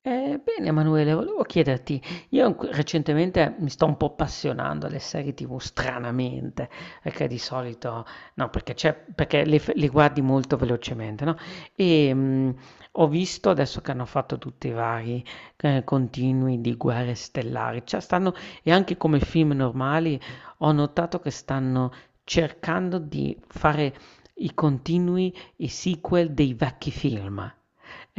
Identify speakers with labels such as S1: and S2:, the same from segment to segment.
S1: Bene Emanuele, volevo chiederti, io recentemente mi sto un po' appassionando alle serie TV stranamente, perché di solito, no, perché, c'è, le guardi molto velocemente, no? E ho visto adesso che hanno fatto tutti i vari continui di Guerre Stellari, cioè stanno, e anche come film normali ho notato che stanno cercando di fare i continui, i sequel dei vecchi film.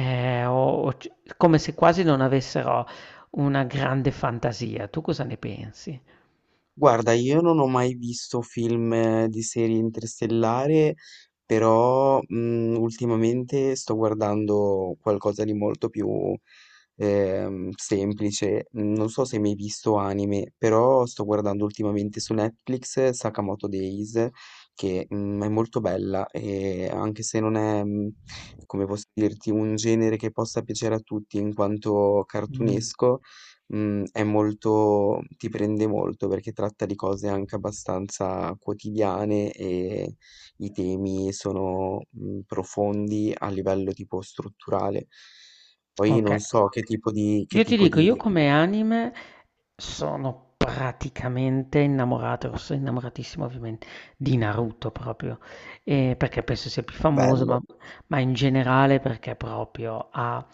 S1: Eh, o- o c- Come se quasi non avessero una grande fantasia. Tu cosa ne pensi?
S2: Guarda, io non ho mai visto film di serie interstellare, però ultimamente sto guardando qualcosa di molto più semplice. Mm. Non so se hai mai visto anime, però sto guardando ultimamente su Netflix Sakamoto Days, che è molto bella, e anche se non è, come posso dirti, un genere che possa piacere a tutti in quanto
S1: Mm.
S2: cartunesco, mhmm, è molto, ti prende molto, perché tratta di cose anche abbastanza quotidiane e i temi sono, mhmm, profondi a livello tipo strutturale. Poi
S1: Ok,
S2: non so che
S1: io ti
S2: tipo
S1: dico,
S2: di
S1: io come anime sono praticamente innamorato, sono innamoratissimo ovviamente di Naruto proprio, perché penso sia più famoso,
S2: bello.
S1: ma in generale perché proprio ha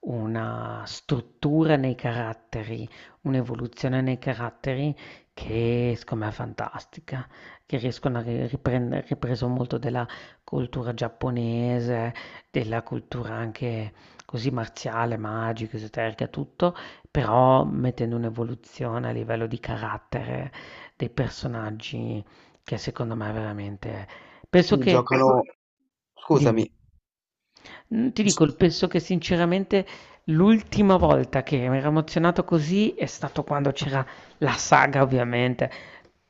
S1: una struttura nei caratteri, un'evoluzione nei caratteri che secondo me è fantastica, che riescono a riprendere, ripreso molto della cultura giapponese, della cultura anche così marziale, magica, esoterica, tutto, però mettendo un'evoluzione a livello di carattere dei personaggi che secondo me è veramente... Penso
S2: Sì,
S1: che...
S2: giocano,
S1: Dimmi.
S2: scusami.
S1: Ti dico, penso che sinceramente l'ultima volta che mi ero emozionato così è stato quando c'era la saga, ovviamente,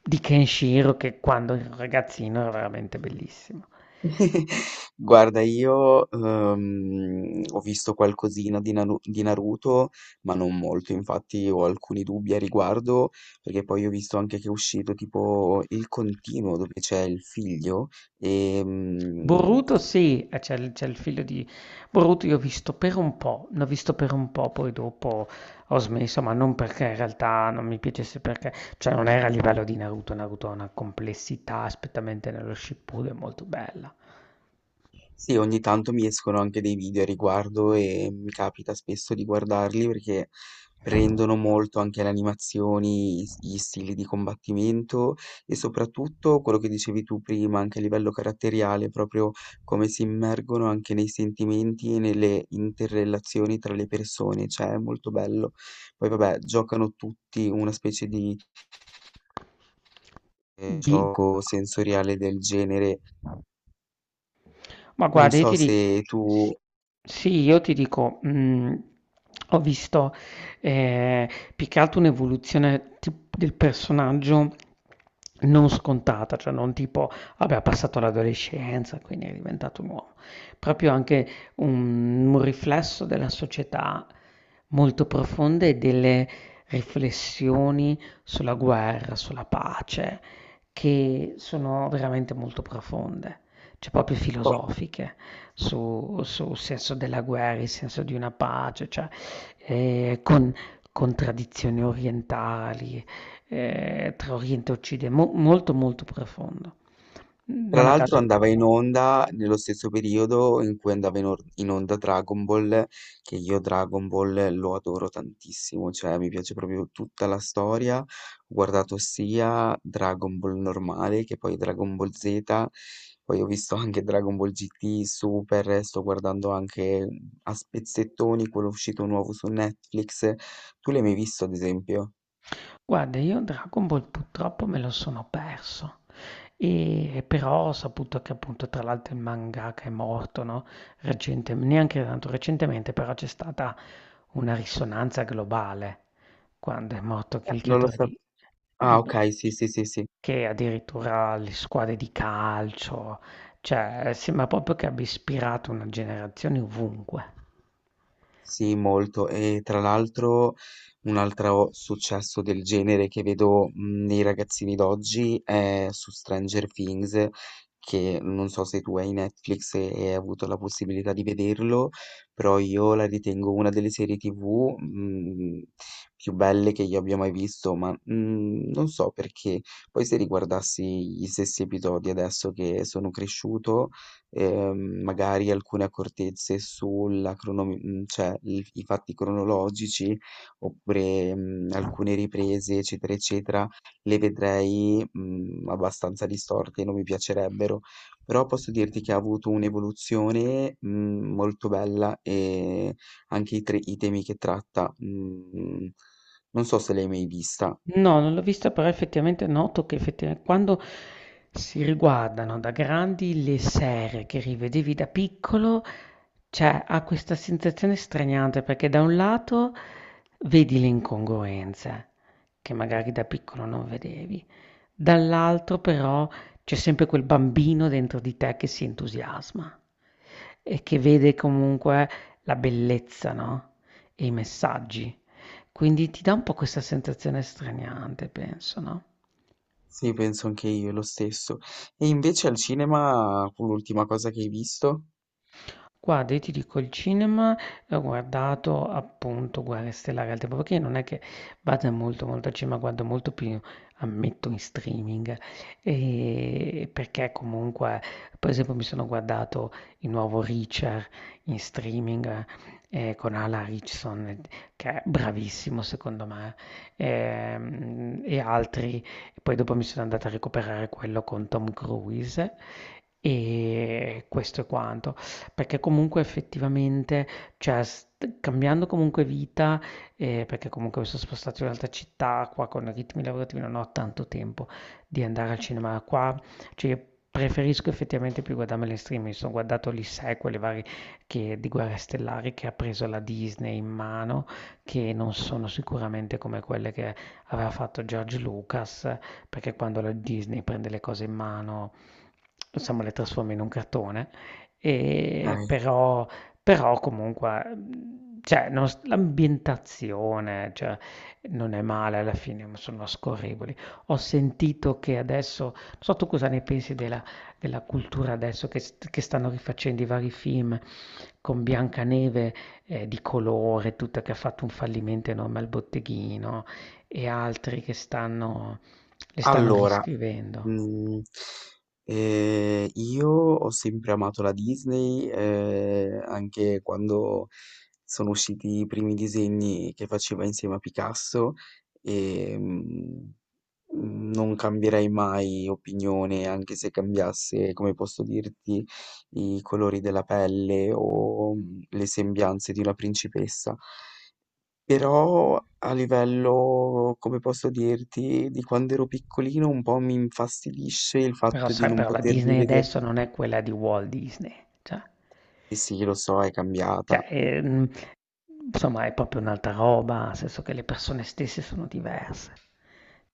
S1: di Kenshiro, che quando ero ragazzino era veramente bellissimo.
S2: Guarda, io, ho visto qualcosina di Naruto, ma non molto, infatti ho alcuni dubbi a riguardo, perché poi ho visto anche che è uscito tipo il continuo dove c'è il figlio, ehm
S1: Boruto sì, c'è il figlio di Boruto, io ho visto per un po', l'ho visto per un po', poi dopo ho smesso, ma non perché in realtà non mi piacesse, perché cioè non era a livello di Naruto, Naruto ha una complessità, aspettamente nello Shippuden molto bella.
S2: Sì, ogni tanto mi escono anche dei video a riguardo e mi capita spesso di guardarli, perché prendono molto anche le animazioni, gli stili di combattimento, e soprattutto quello che dicevi tu prima, anche a livello caratteriale, proprio come si immergono anche nei sentimenti e nelle interrelazioni tra le persone, cioè è molto bello. Poi vabbè, giocano tutti una specie di
S1: Di-
S2: gioco sensoriale del genere.
S1: Ma
S2: Non
S1: guarda, io
S2: so
S1: ti
S2: se
S1: di-
S2: tu...
S1: s- Sì, io ti dico, ho visto eh, più che altro un'evoluzione del personaggio non scontata, cioè non tipo, vabbè, ha passato l'adolescenza, quindi è diventato un uomo, proprio anche un riflesso della società molto profonda e delle riflessioni sulla guerra, sulla pace, che sono veramente molto profonde cioè proprio
S2: boh.
S1: filosofiche sul senso della guerra, il senso di una pace, cioè, eh, con, con tradizioni orientali, tra Oriente e Occidente, molto molto profondo.
S2: Tra
S1: Non a
S2: l'altro
S1: caso,
S2: andava in onda nello stesso periodo in cui andava in onda Dragon Ball, che io Dragon Ball lo adoro tantissimo, cioè mi piace proprio tutta la storia. Ho guardato sia Dragon Ball normale che poi Dragon Ball Z, poi ho visto anche Dragon Ball GT, Super, sto guardando anche a spezzettoni quello uscito nuovo su Netflix. Tu l'hai mai visto, ad esempio?
S1: guarda, io Dragon Ball purtroppo me lo sono perso. E però ho saputo che appunto tra l'altro il mangaka è morto, no? Neanche tanto recentemente, però c'è stata una risonanza globale quando è morto il
S2: Non lo
S1: creatore
S2: so. Ah,
S1: di-
S2: ok, sì, sì, sì, sì.
S1: che addirittura le squadre di calcio, cioè sembra proprio che abbia ispirato una generazione ovunque.
S2: Sì, molto. E tra l'altro un altro successo del genere che vedo, nei ragazzini d'oggi è su Stranger Things, che non so se tu hai Netflix e hai avuto la possibilità di vederlo, però io la ritengo una delle serie TV, più belle che io abbia mai visto, ma, non so perché. Poi se riguardassi gli stessi episodi adesso che sono cresciuto, magari alcune accortezze sulla cronomi mhmm, cioè il i fatti cronologici, oppure, mhmm, alcune riprese, eccetera, eccetera, le vedrei, mhmm, abbastanza distorte, non mi piacerebbero. Però posso dirti che ha avuto un'evoluzione, mhmm, molto bella, e anche i temi che tratta, mhmm, non so se l'hai mai vista.
S1: No, non l'ho vista, però effettivamente noto che effettivamente quando si riguardano da grandi le serie che rivedevi da piccolo, cioè ha questa sensazione straniante perché da un lato vedi le incongruenze che magari da piccolo non vedevi. Dall'altro però c'è sempre quel bambino dentro di te che si entusiasma e che vede comunque la bellezza, no? E i messaggi. Quindi ti dà un po' questa sensazione straniante, penso, no?
S2: Sì, penso anche io lo stesso. E invece al cinema fu l'ultima cosa che hai visto?
S1: Guarda, io ti dico, il cinema ho guardato appunto Guerre Stellari al tempo, perché non è che vada molto molto al cinema, guardo molto più, ammetto, in streaming, e perché comunque, per esempio, mi sono guardato il nuovo Richard in streaming con Alan Richardson, che è bravissimo secondo me, e altri, poi dopo mi sono andata a recuperare quello con Tom Cruise, e questo è quanto. Perché comunque effettivamente, cioè st cambiando comunque vita, perché comunque mi son spostato in un'altra città, qua con ritmi lavorativi non ho tanto tempo di andare al cinema. Qua, cioè io preferisco effettivamente più guardarmela in streaming. Mi son guardato gli sequel, i vari che di Guerre Stellari che ha preso la Disney in mano, che non sono sicuramente come quelle che aveva fatto George Lucas, perché quando la Disney prende le cose in mano, insomma le trasforma in un cartone. E
S2: Ah.
S1: però, però comunque, cioè, non s- l'ambientazione, cioè, non è male alla fine, ma sono scorrevoli. Ho sentito che adesso, non so tu cosa ne pensi della cultura adesso che stanno rifacendo i vari film con Biancaneve di colore, tutta che ha fatto un fallimento enorme al botteghino e altri che stanno, le stanno
S2: Allora,
S1: riscrivendo.
S2: mm, io ho sempre amato la Disney, anche quando sono usciti i primi disegni che faceva insieme a Picasso, e non cambierei mai opinione, anche se cambiasse, come posso dirti, i colori della pelle o, le sembianze di una principessa. Però a livello, come posso dirti, di quando ero piccolino, un po' mi infastidisce il
S1: Però,
S2: fatto di
S1: sai,
S2: non
S1: però la
S2: poter
S1: Disney
S2: rivedere.
S1: adesso non è quella di Walt Disney. Cioè.
S2: Eh sì, lo so, è
S1: Cioè,
S2: cambiata.
S1: insomma è proprio un'altra roba, nel senso che le persone stesse sono diverse.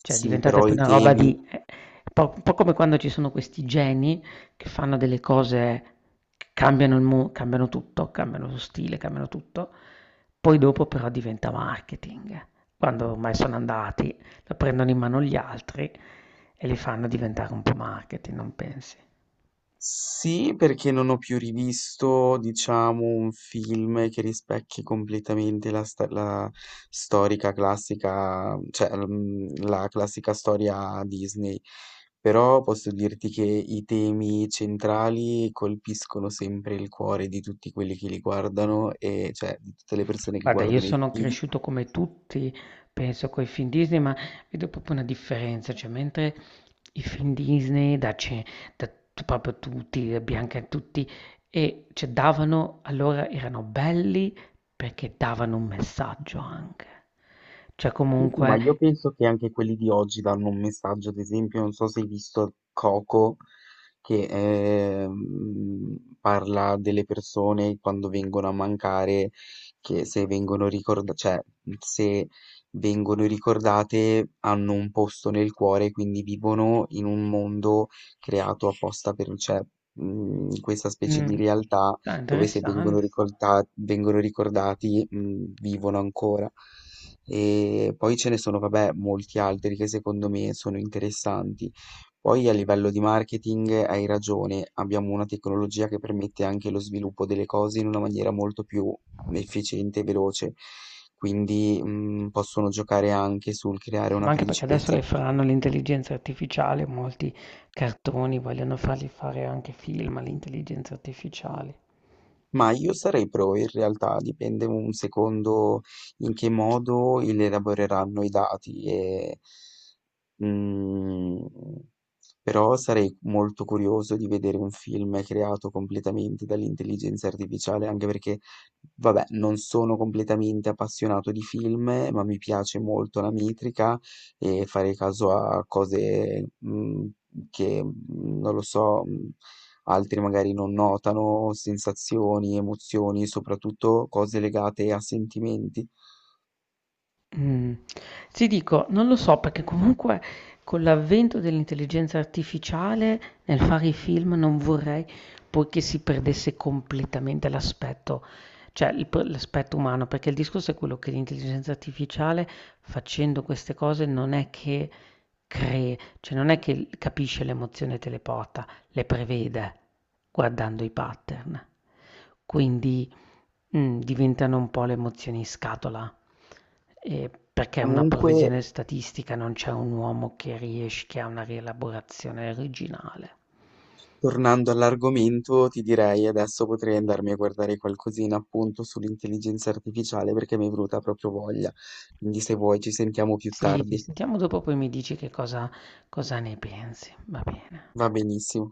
S1: Cioè è
S2: Sì,
S1: diventata
S2: però
S1: più
S2: i ah,
S1: una roba
S2: temi.
S1: di po' un po' come quando ci sono questi geni che fanno delle cose che cambiano il mu cambiano tutto, cambiano lo stile, cambiano tutto, poi dopo però diventa marketing. Quando ormai sono andati, la prendono in mano gli altri e li fanno diventare un po' marketing, non pensi?
S2: Sì, perché non ho più rivisto, diciamo, un film che rispecchi completamente la storica classica, cioè, la classica storia Disney. Però posso dirti che i temi centrali colpiscono sempre il cuore di tutti quelli che li guardano, e cioè di tutte le persone che
S1: Guarda, io
S2: guardano i
S1: sono
S2: film.
S1: cresciuto come tutti, penso, coi film Disney, ma vedo proprio una differenza, cioè mentre i film Disney, da, ce- da t- proprio tutti, da Bianca e tutti, e cioè, davano, allora erano belli perché davano un messaggio anche. Cioè
S2: Senti, ma
S1: comunque,
S2: io penso che anche quelli di oggi danno un messaggio, ad esempio, non so se hai visto Coco, che parla delle persone quando vengono a mancare, che se vengono ricordate, cioè se vengono ricordate hanno un posto nel cuore, quindi vivono in un mondo creato apposta per, cioè, questa specie di
S1: mm,
S2: realtà
S1: ah,
S2: dove se
S1: interessante.
S2: vengono ricordati, vivono ancora. E poi ce ne sono, vabbè, molti altri che secondo me sono interessanti. Poi a livello di marketing hai ragione, abbiamo una tecnologia che permette anche lo sviluppo delle cose in una maniera molto più efficiente e veloce, quindi possono giocare anche sul creare
S1: Sì,
S2: una
S1: ma anche perché adesso
S2: principessa
S1: le
S2: proprietaria.
S1: faranno l'intelligenza artificiale, molti cartoni vogliono farli fare anche film all'intelligenza artificiale.
S2: Ma io sarei pro, in realtà dipende un secondo in che modo elaboreranno i dati e mhmm, però sarei molto curioso di vedere un film creato completamente dall'intelligenza artificiale, anche perché, vabbè, non sono completamente appassionato di film, ma mi piace molto la metrica e fare caso a cose, mhmm, che, mhmm, non lo so, mhmm, altri magari non notano, sensazioni, emozioni, soprattutto cose legate a sentimenti.
S1: Mm. Ti dico, non lo so perché comunque con l'avvento dell'intelligenza artificiale nel fare i film non vorrei poi che si perdesse completamente l'aspetto, cioè l'aspetto umano, perché il discorso è quello che l'intelligenza artificiale facendo queste cose non è che cree, cioè non è che capisce l'emozione e te le porta, le prevede guardando i pattern. Quindi mh, diventano un po' le emozioni in scatola, perché una
S2: Comunque,
S1: previsione statistica non c'è un uomo che riesce che ha una rielaborazione originale.
S2: tornando all'argomento, ti direi adesso potrei andarmi a guardare qualcosina appunto sull'intelligenza artificiale, perché mi è venuta proprio voglia. Quindi se vuoi ci sentiamo più
S1: Sì, ci
S2: tardi.
S1: sentiamo dopo poi mi dici che cosa cosa ne pensi, va bene.
S2: Va benissimo.